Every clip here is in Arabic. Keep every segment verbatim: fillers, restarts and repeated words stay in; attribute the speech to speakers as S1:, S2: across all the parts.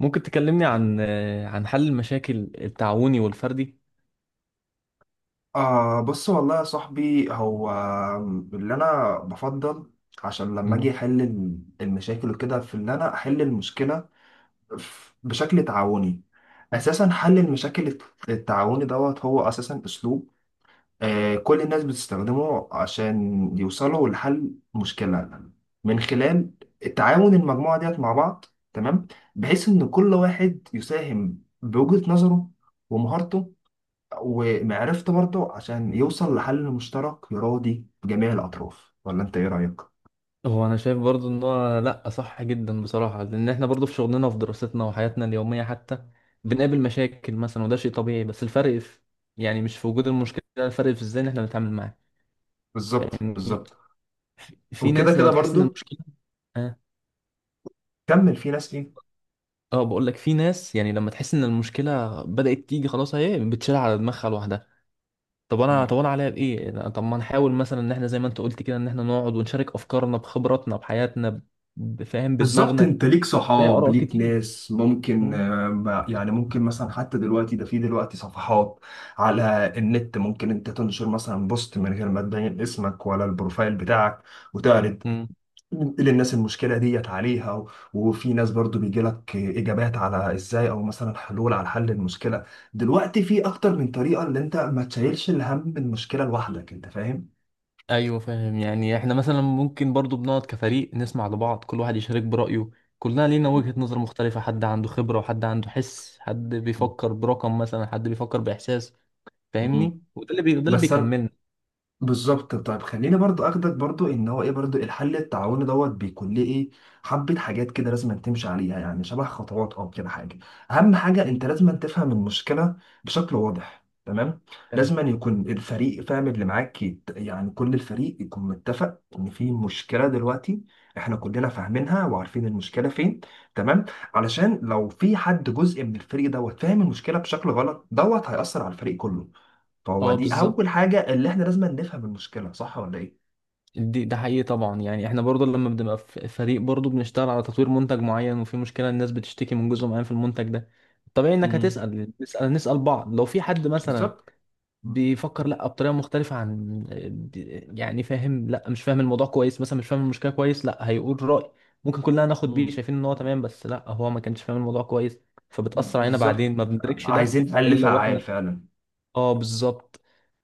S1: ممكن تكلمني عن آه، عن حل المشاكل التعاوني والفردي.
S2: آه، بص والله يا صاحبي. هو اللي أنا بفضل، عشان لما أجي
S1: مم.
S2: أحل المشاكل وكده، في اللي أنا أحل المشكلة ف- بشكل تعاوني. أساسا حل المشاكل الت- التعاوني دوت هو أساسا أسلوب آه كل الناس بتستخدمه عشان يوصلوا لحل مشكلة، من خلال تعاون المجموعة ديت مع بعض. تمام. بحيث إن كل واحد يساهم بوجهة نظره ومهارته ومعرفت برضه، عشان يوصل لحل مشترك يراضي جميع الأطراف. ولا أنت إيه رأيك؟
S1: هو انا شايف برضو ان هو لا، صح جدا بصراحة، لان احنا برضو في شغلنا وفي دراستنا وحياتنا اليومية حتى بنقابل مشاكل مثلا، وده شيء طبيعي. بس الفرق في يعني مش في وجود المشكلة، الفرق في ازاي إن احنا بنتعامل معاها.
S2: بالظبط
S1: يعني
S2: بالظبط.
S1: في
S2: وكده
S1: ناس لما
S2: كده
S1: بتحس ان
S2: برضه.
S1: المشكلة. اه.
S2: كمل، في ناس إيه؟
S1: اه، بقول لك في ناس يعني لما تحس ان المشكلة بدأت تيجي خلاص، اهي بتشيلها على دماغها لوحدها. طب انا
S2: مم.
S1: طب انا عليا بايه أنا- طب ما نحاول مثلا ان احنا زي ما انت قلت كده، ان احنا نقعد ونشارك افكارنا بخبراتنا بحياتنا بفهم
S2: بالظبط.
S1: بدماغنا
S2: أنت ليك
S1: زي
S2: صحاب،
S1: اراء
S2: ليك
S1: كتير.
S2: ناس ممكن
S1: مم.
S2: آه، ما- يعني ممكن مثلا حتى دلوقتي ده، في دلوقتي صفحات على النت ممكن أنت تنشر مثلا بوست من غير ما تبين اسمك ولا البروفايل بتاعك، وتعرض
S1: مم.
S2: للناس المشكله ديت عليها، و- وفي ناس برضو بيجي لك اجابات على ازاي او مثلا حلول على حل المشكله. دلوقتي في اكتر من طريقه، اللي انت ما تشيلش الهم من المشكله لوحدك، انت فاهم.
S1: ايوه فاهم. يعني احنا مثلا ممكن برضو بنقعد كفريق نسمع لبعض، كل واحد يشارك برايه. كلنا لينا
S2: مم.
S1: وجهة نظر مختلفة، حد عنده خبرة وحد عنده حس، حد بيفكر برقم مثلا، حد بيفكر باحساس.
S2: مم.
S1: فاهمني. وده اللي بي... ده اللي
S2: بس أنا-
S1: بيكملنا.
S2: بالظبط. طيب خليني برضو اخدك برضو ان هو ايه، برضو الحل التعاوني دوت بيكون ليه ايه حبة حاجات كده لازم تمشي عليها، يعني شبه خطوات او كده حاجة. اهم حاجة،
S1: مم.
S2: انت لازم تفهم المشكلة بشكل واضح. تمام.
S1: فاهم.
S2: لازم يكون الفريق فاهم، اللي معاك يت- يعني كل الفريق يكون متفق ان في مشكلة دلوقتي، احنا كلنا فاهمينها وعارفين المشكلة فين. تمام. علشان لو في حد جزء من الفريق دوت فاهم المشكلة بشكل غلط، دوت هيأثر على الفريق كله. فهو
S1: اه،
S2: دي
S1: بالظبط.
S2: اول حاجه، اللي احنا لازم نفهم المشكله، صح ولا ايه.
S1: دي ده حقيقي طبعا، يعني احنا برضو لما بنبقى في فريق برضو بنشتغل على تطوير منتج معين، وفي مشكلة الناس بتشتكي من جزء معين في المنتج ده. طبيعي انك
S2: مم.
S1: هتسأل نسأل نسأل بعض لو في حد مثلا
S2: بالظبط. مم.
S1: بيفكر لا بطريقة مختلفة عن. يعني فاهم لا مش فاهم الموضوع كويس، مثلا مش فاهم المشكلة كويس، لا هيقول رأي ممكن كلنا ناخد بيه
S2: مم.
S1: شايفين ان هو تمام، بس لا هو ما كانش فاهم الموضوع كويس فبتأثر علينا
S2: بالظبط.
S1: بعدين ما بندركش ده
S2: عايزين حل
S1: الا
S2: فعال
S1: واحنا.
S2: فعلا.
S1: اه، بالظبط.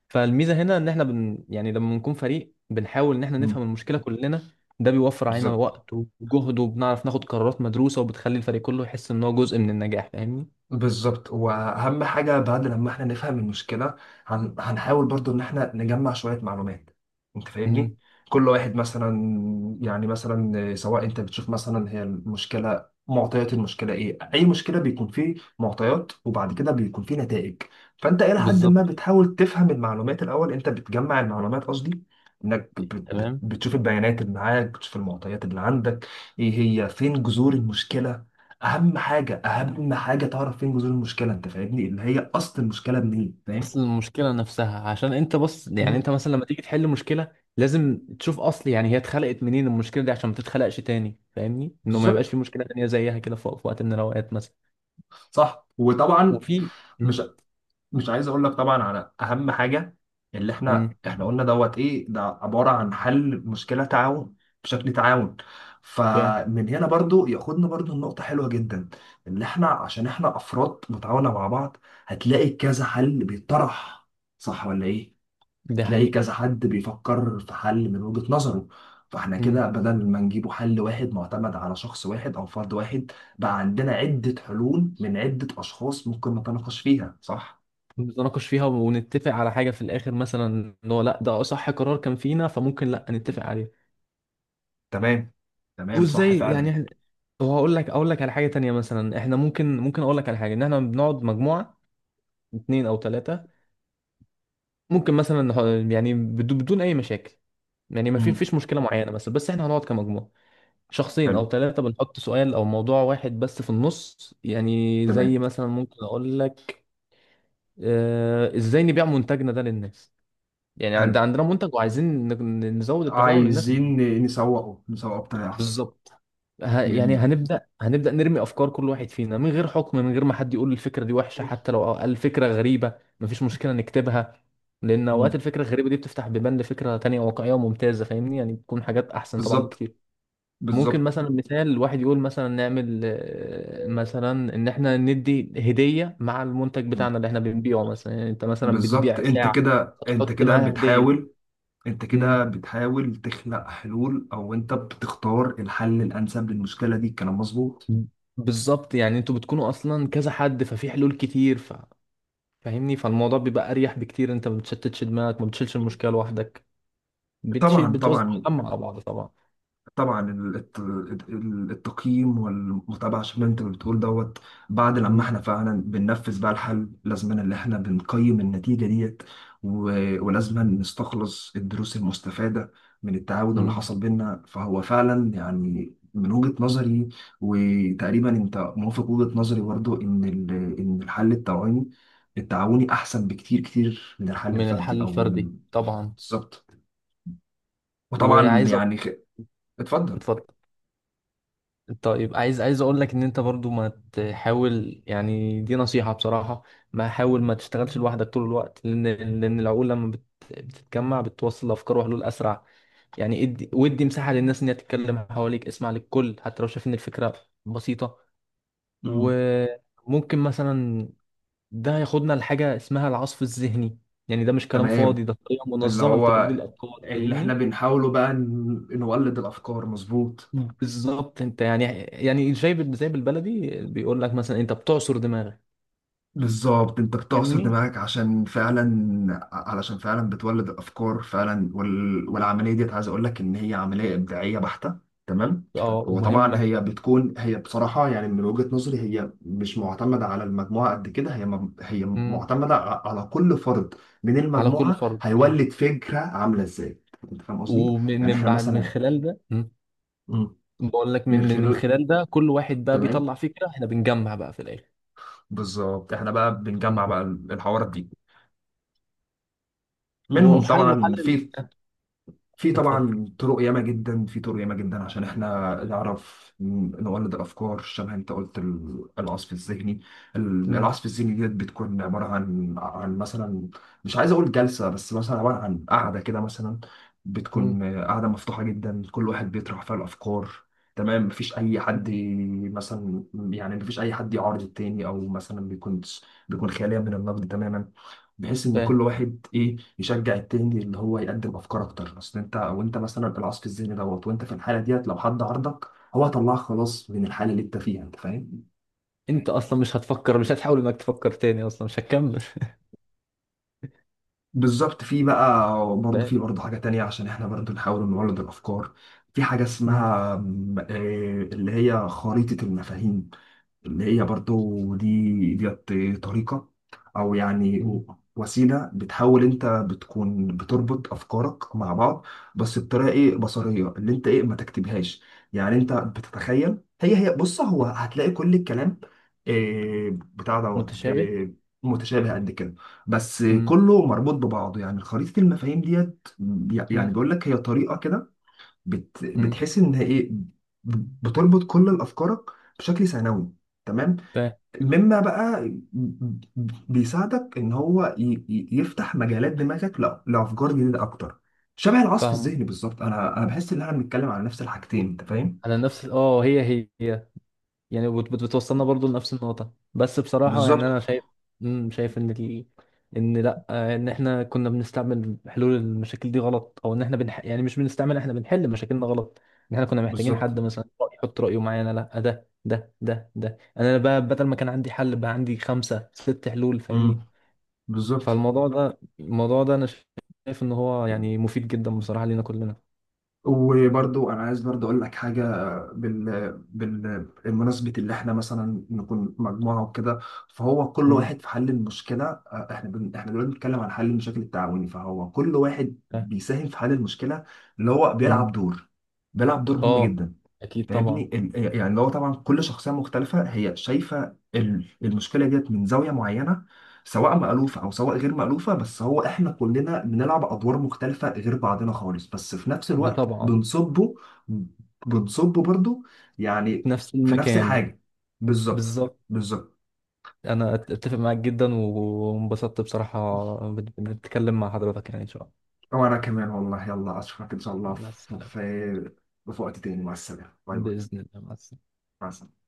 S1: فالميزه هنا، ان احنا بن يعني لما بنكون فريق بنحاول ان احنا
S2: مم.
S1: نفهم المشكله كلنا. ده بيوفر علينا
S2: بالظبط
S1: وقت وجهد، وبنعرف ناخد قرارات مدروسه، وبتخلي الفريق كله يحس ان هو جزء من النجاح فاهمني.
S2: بالظبط. واهم حاجه بعد لما احنا نفهم المشكله، هن... هنحاول برضو ان احنا نجمع شويه معلومات. انت فاهمني.
S1: امم.
S2: كل واحد مثلا، يعني مثلا سواء انت بتشوف مثلا هي المشكله، معطيات المشكله ايه، اي مشكله بيكون فيه معطيات وبعد كده بيكون فيه نتائج. فانت الى حد ما
S1: بالظبط.
S2: بتحاول تفهم المعلومات الاول، انت بتجمع المعلومات قصدي، انك بت... بت...
S1: تمام.
S2: بتشوف البيانات اللي معاك، بتشوف المعطيات اللي عندك، ايه هي، فين جذور المشكله. اهم حاجه اهم حاجه تعرف فين جذور المشكله، انت فاهمني، اللي هي اصل المشكله منين، فاهم.
S1: اصل المشكله نفسها، عشان انت بص يعني
S2: مم.
S1: انت مثلا لما تيجي تحل مشكله لازم تشوف اصل يعني هي اتخلقت منين المشكله دي، عشان ما تتخلقش تاني فاهمني، انه ما يبقاش
S2: بالظبط.
S1: في مشكله تانيه زيها كده في في وقت من الاوقات مثلا.
S2: صح، وطبعا
S1: وفي. امم.
S2: مش مش عايز اقول لك، طبعا، على اهم حاجه. اللي احنا
S1: امم.
S2: احنا قلنا دوت ايه، ده عباره عن حل مشكله تعاون، بشكل تعاون.
S1: فاهم.
S2: فمن هنا برضو ياخدنا برضو، النقطة حلوة جدا، اللي احنا عشان احنا افراد متعاونة مع بعض، هتلاقي كذا حل بيطرح، صح ولا ايه؟
S1: ده
S2: هتلاقي
S1: حقيقي.
S2: كذا حد بيفكر في حل من وجهة نظره، فاحنا كده بدل ما نجيبه حل واحد معتمد على شخص واحد او فرد واحد، بقى عندنا عدة حلول من عدة اشخاص ممكن نتناقش فيها. صح.
S1: نتناقش فيها ونتفق على حاجة في الآخر مثلا، إن هو لأ ده صح قرار كان فينا فممكن لأ نتفق عليه.
S2: تمام تمام. صح
S1: وإزاي
S2: فعلا.
S1: يعني إحنا- وهقول لك أقول لك على حاجة تانية مثلا، إحنا ممكن ممكن أقول لك على حاجة إن إحنا بنقعد مجموعة، اتنين أو تلاتة. ممكن مثلا نح- يعني بدو- بدون أي مشاكل، يعني ما في
S2: مم.
S1: فيش مشكلة معينة مثلا، بس إحنا هنقعد كمجموعة، شخصين أو
S2: حلو.
S1: تلاتة بنحط سؤال أو موضوع واحد بس في النص. يعني زي
S2: تمام.
S1: مثلا ممكن أقول لك، آه، إزاي نبيع منتجنا ده للناس، يعني
S2: حلو،
S1: عند عندنا منتج وعايزين ن- نزود التفاعل للناس.
S2: عايزين نسوقه، نسوقه بطريقة احسن.
S1: بالظبط. ه... يعني
S2: جميل.
S1: هنبدأ هنبدأ نرمي أفكار، كل واحد فينا من غير حكم، من غير ما حد يقول الفكرة دي وحشة، حتى لو قال فكرة غريبة مفيش مشكلة نكتبها، لأن أوقات
S2: مم.
S1: الفكرة الغريبة دي بتفتح بيبان لفكرة تانية واقعية وممتازة فاهمني، يعني بتكون حاجات أحسن طبعا
S2: بالظبط.
S1: بكتير. ممكن
S2: بالظبط.
S1: مثلا مثال واحد يقول مثلا نعمل آه، مثلا إن إحنا ندي هدية مع المنتج
S2: مم.
S1: بتاعنا اللي إحنا بنبيعه مثلا، يعني أنت مثلا
S2: بالظبط،
S1: بتبيع
S2: انت
S1: ساعة
S2: كده، انت
S1: فتحط
S2: كده
S1: معاها هدية.
S2: بتحاول، انت كده بتحاول تخلق حلول، او انت بتختار الحل الانسب للمشكله دي. الكلام مظبوط.
S1: بالظبط، يعني انتوا بتكونوا اصلا كذا حد ففي حلول كتير ف... فاهمني، فالموضوع بيبقى اريح بكتير، انت ما بتشتتش دماغك، ما بتشيلش المشكله لوحدك، بتشيل
S2: طبعا
S1: بتوزع
S2: طبعا
S1: الهم على بعض طبعا.
S2: طبعا. ال- الت- ال- التقييم والمتابعه، عشان ما انت بتقول دوت، بعد لما
S1: مم.
S2: احنا فعلا بننفذ بقى الحل، لازم ان احنا بنقيم النتيجه ديت، و- ولازم نستخلص الدروس المستفاده من التعاون اللي
S1: مم.
S2: حصل بينا. فهو فعلا يعني من وجهه نظري، وتقريبا انت موافق وجهه نظري برضو، ان ال- ان الحل التعاوني التعاوني احسن بكتير كتير من الحل
S1: من
S2: الفردي
S1: الحل
S2: او
S1: الفردي
S2: ال-
S1: طبعا.
S2: بالظبط. وطبعا
S1: وعايز أ-
S2: يعني خ- اتفضل.
S1: اتفضل. طيب، عايز عايز اقول لك ان انت برضو ما تحاول، يعني دي نصيحة بصراحة، ما حاول ما تشتغلش لوحدك طول الوقت، لان لان العقول لما بت- بتتجمع بتوصل افكار وحلول اسرع. يعني ادي ودي مساحة للناس ان هي تتكلم حواليك، اسمع للكل حتى لو شايف ان الفكرة بسيطة.
S2: مم.
S1: وممكن مثلا ده ياخدنا لحاجة اسمها العصف الذهني، يعني ده مش كلام
S2: تمام.
S1: فاضي، ده طريقة
S2: اللي
S1: منظمة لتوليد
S2: هو
S1: الأفكار
S2: اللي احنا
S1: فاهمني.
S2: بنحاوله بقى ن- نولد الافكار، مظبوط.
S1: مم. بالظبط. انت يعني يعني زي بال- زي بالبلدي بيقول لك، مثلا انت بتعصر دماغك
S2: بالظبط، انت بتعصر
S1: فاهمني.
S2: دماغك عشان فعلا، علشان فعلا بتولد الافكار فعلا، وال... والعمليه ديت عايز اقول لك ان هي عمليه ابداعيه بحته. تمام.
S1: اه،
S2: هو طبعا
S1: ومهمة.
S2: هي بتكون، هي بصراحه يعني من وجهه نظري، هي مش معتمده على المجموعه قد كده، هي م... هي
S1: مم.
S2: معتمده ع- على كل فرد من
S1: على كل
S2: المجموعه،
S1: فرد يعني.
S2: هيولد فكره عامله ازاي، انت فاهم قصدي.
S1: ومن
S2: يعني
S1: من
S2: احنا
S1: بعد من
S2: مثلا،
S1: خلال ده. مم.
S2: مم.
S1: بقول لك
S2: من
S1: من من من
S2: خلال.
S1: خلال ده كل واحد بقى
S2: تمام.
S1: بيطلع فكرة، احنا بنجمع بقى في الآخر.
S2: بالظبط، احنا بقى بنجمع بقى الحوارات دي منهم.
S1: وحله
S2: طبعا
S1: حل.
S2: في، في
S1: اتفضل.
S2: طبعا طرق ياما جدا، في طرق ياما جدا عشان احنا نعرف ن- نولد الافكار، شبه انت قلت ال- العصف الذهني. ال-
S1: مم.
S2: العصف الذهني ديت بتكون عباره عن عن مثلا، مش عايز اقول جلسه، بس مثلا عباره عن قعده كده مثلا.
S1: مم.
S2: بتكون قعده مفتوحه جدا، كل واحد بيطرح فيها الافكار. تمام. مفيش اي حد
S1: مم.
S2: مثلا، يعني مفيش اي حد يعارض التاني، او مثلا بيكون، بيكون خالية من النقد تماما. بحيث ان
S1: فاهم.
S2: كل واحد ايه يشجع التاني، اللي هو يقدم افكار اكتر. اصل انت، وانت مثلا العصف الذهني دوت، وانت في الحاله ديت لو حد عرضك، هو هيطلعك خلاص من الحاله اللي انت فيها، انت فاهم.
S1: انت اصلا مش هتفكر، مش هتحاول انك تفكر تاني اصلا، مش هتكمل.
S2: بالظبط. في بقى برضه،
S1: فاهم.
S2: في برضه حاجه تانية عشان احنا برضه نحاول نولد الافكار. في حاجه
S1: مم.
S2: اسمها م- آه، اللي هي خريطه المفاهيم، اللي هي برضو دي ديت، طريقة أو يعني
S1: مم.
S2: وسيلة، بتحاول أنت بتكون بتربط أفكارك مع بعض، بس بطريقة إيه، بصرية، اللي أنت إيه ما تكتبهاش. يعني أنت بتتخيل، هي هي بص، هو
S1: مم.
S2: هتلاقي كل الكلام إيه بتاع دوت
S1: متشابه.
S2: إيه، متشابه قد كده، بس
S1: مم.
S2: كله مربوط ببعضه. يعني خريطة المفاهيم ديت، يعني
S1: مم.
S2: بيقول لك هي طريقة كده، بت
S1: مم.
S2: بتحس إن هي إيه، بتربط كل الأفكارك بشكل ثانوي. تمام.
S1: فاهم.
S2: مما بقى بيساعدك ان هو ي- ي- يفتح مجالات دماغك ل- لافكار جديده اكتر. شبه العصف
S1: فاهمة.
S2: الذهني بالظبط. انا انا بحس ان احنا بنتكلم على نفس الحاجتين، انت فاهم.
S1: على نفس ال- اه هي هي، يعني بت- بت- بتوصلنا برضو لنفس النقطة، بس بصراحة
S2: بالظبط
S1: يعني أنا شايف. مم، شايف إن ال... إن لأ، آه، إن إحنا كنا بنستعمل حلول المشاكل دي غلط، أو إن إحنا بنح... يعني مش بنستعمل إحنا بنحل مشاكلنا غلط، إن إحنا كنا محتاجين
S2: بالظبط.
S1: حد مثلا يحط رأيه معانا. لأ، ده ده ده ده أنا بقى بدل ما كان عندي حل بقى عندي خمسة ست حلول فاهمني.
S2: امم. بالظبط.
S1: فالموضوع ده الموضوع ده أنا شايف إن هو يعني مفيد جدا بصراحة لينا كلنا.
S2: وبرضو انا عايز برضو اقول لك حاجه، بال... بال... بمناسبه اللي احنا مثلا نكون مجموعه وكده، فهو كل
S1: مم.
S2: واحد في حل المشكله، آه، احنا بن... احنا دلوقتي بنتكلم عن حل المشاكل التعاوني، فهو كل واحد
S1: آه.
S2: بيساهم في حل المشكله، اللي هو
S1: مم.
S2: بيلعب دور، بيلعب دور مهم
S1: آه.
S2: جدا،
S1: أكيد طبعا.
S2: فاهمني. ال- يعني هو طبعا كل شخصيه مختلفه، هي شايفه ال- المشكله ديت من زاويه معينه، سواء مألوفه او سواء غير مألوفه. بس هو احنا كلنا بنلعب ادوار مختلفه غير بعضنا خالص، بس في نفس
S1: ده
S2: الوقت
S1: طبعا.
S2: بنصبه، بنصبه برضو
S1: في
S2: يعني
S1: نفس
S2: في نفس
S1: المكان.
S2: الحاجه. بالظبط.
S1: بالظبط.
S2: بالظبط.
S1: انا أت- اتفق معاك جدا وانبسطت بصراحة، بن- بنتكلم مع حضرتك، يعني ان شاء
S2: وانا كمان والله، يلا اشوفك ان شاء الله
S1: الله. مع
S2: في
S1: السلامة.
S2: في في وقت تاني. مع السلامه. باي باي.
S1: بإذن الله مع السلامة.
S2: مع السلامه.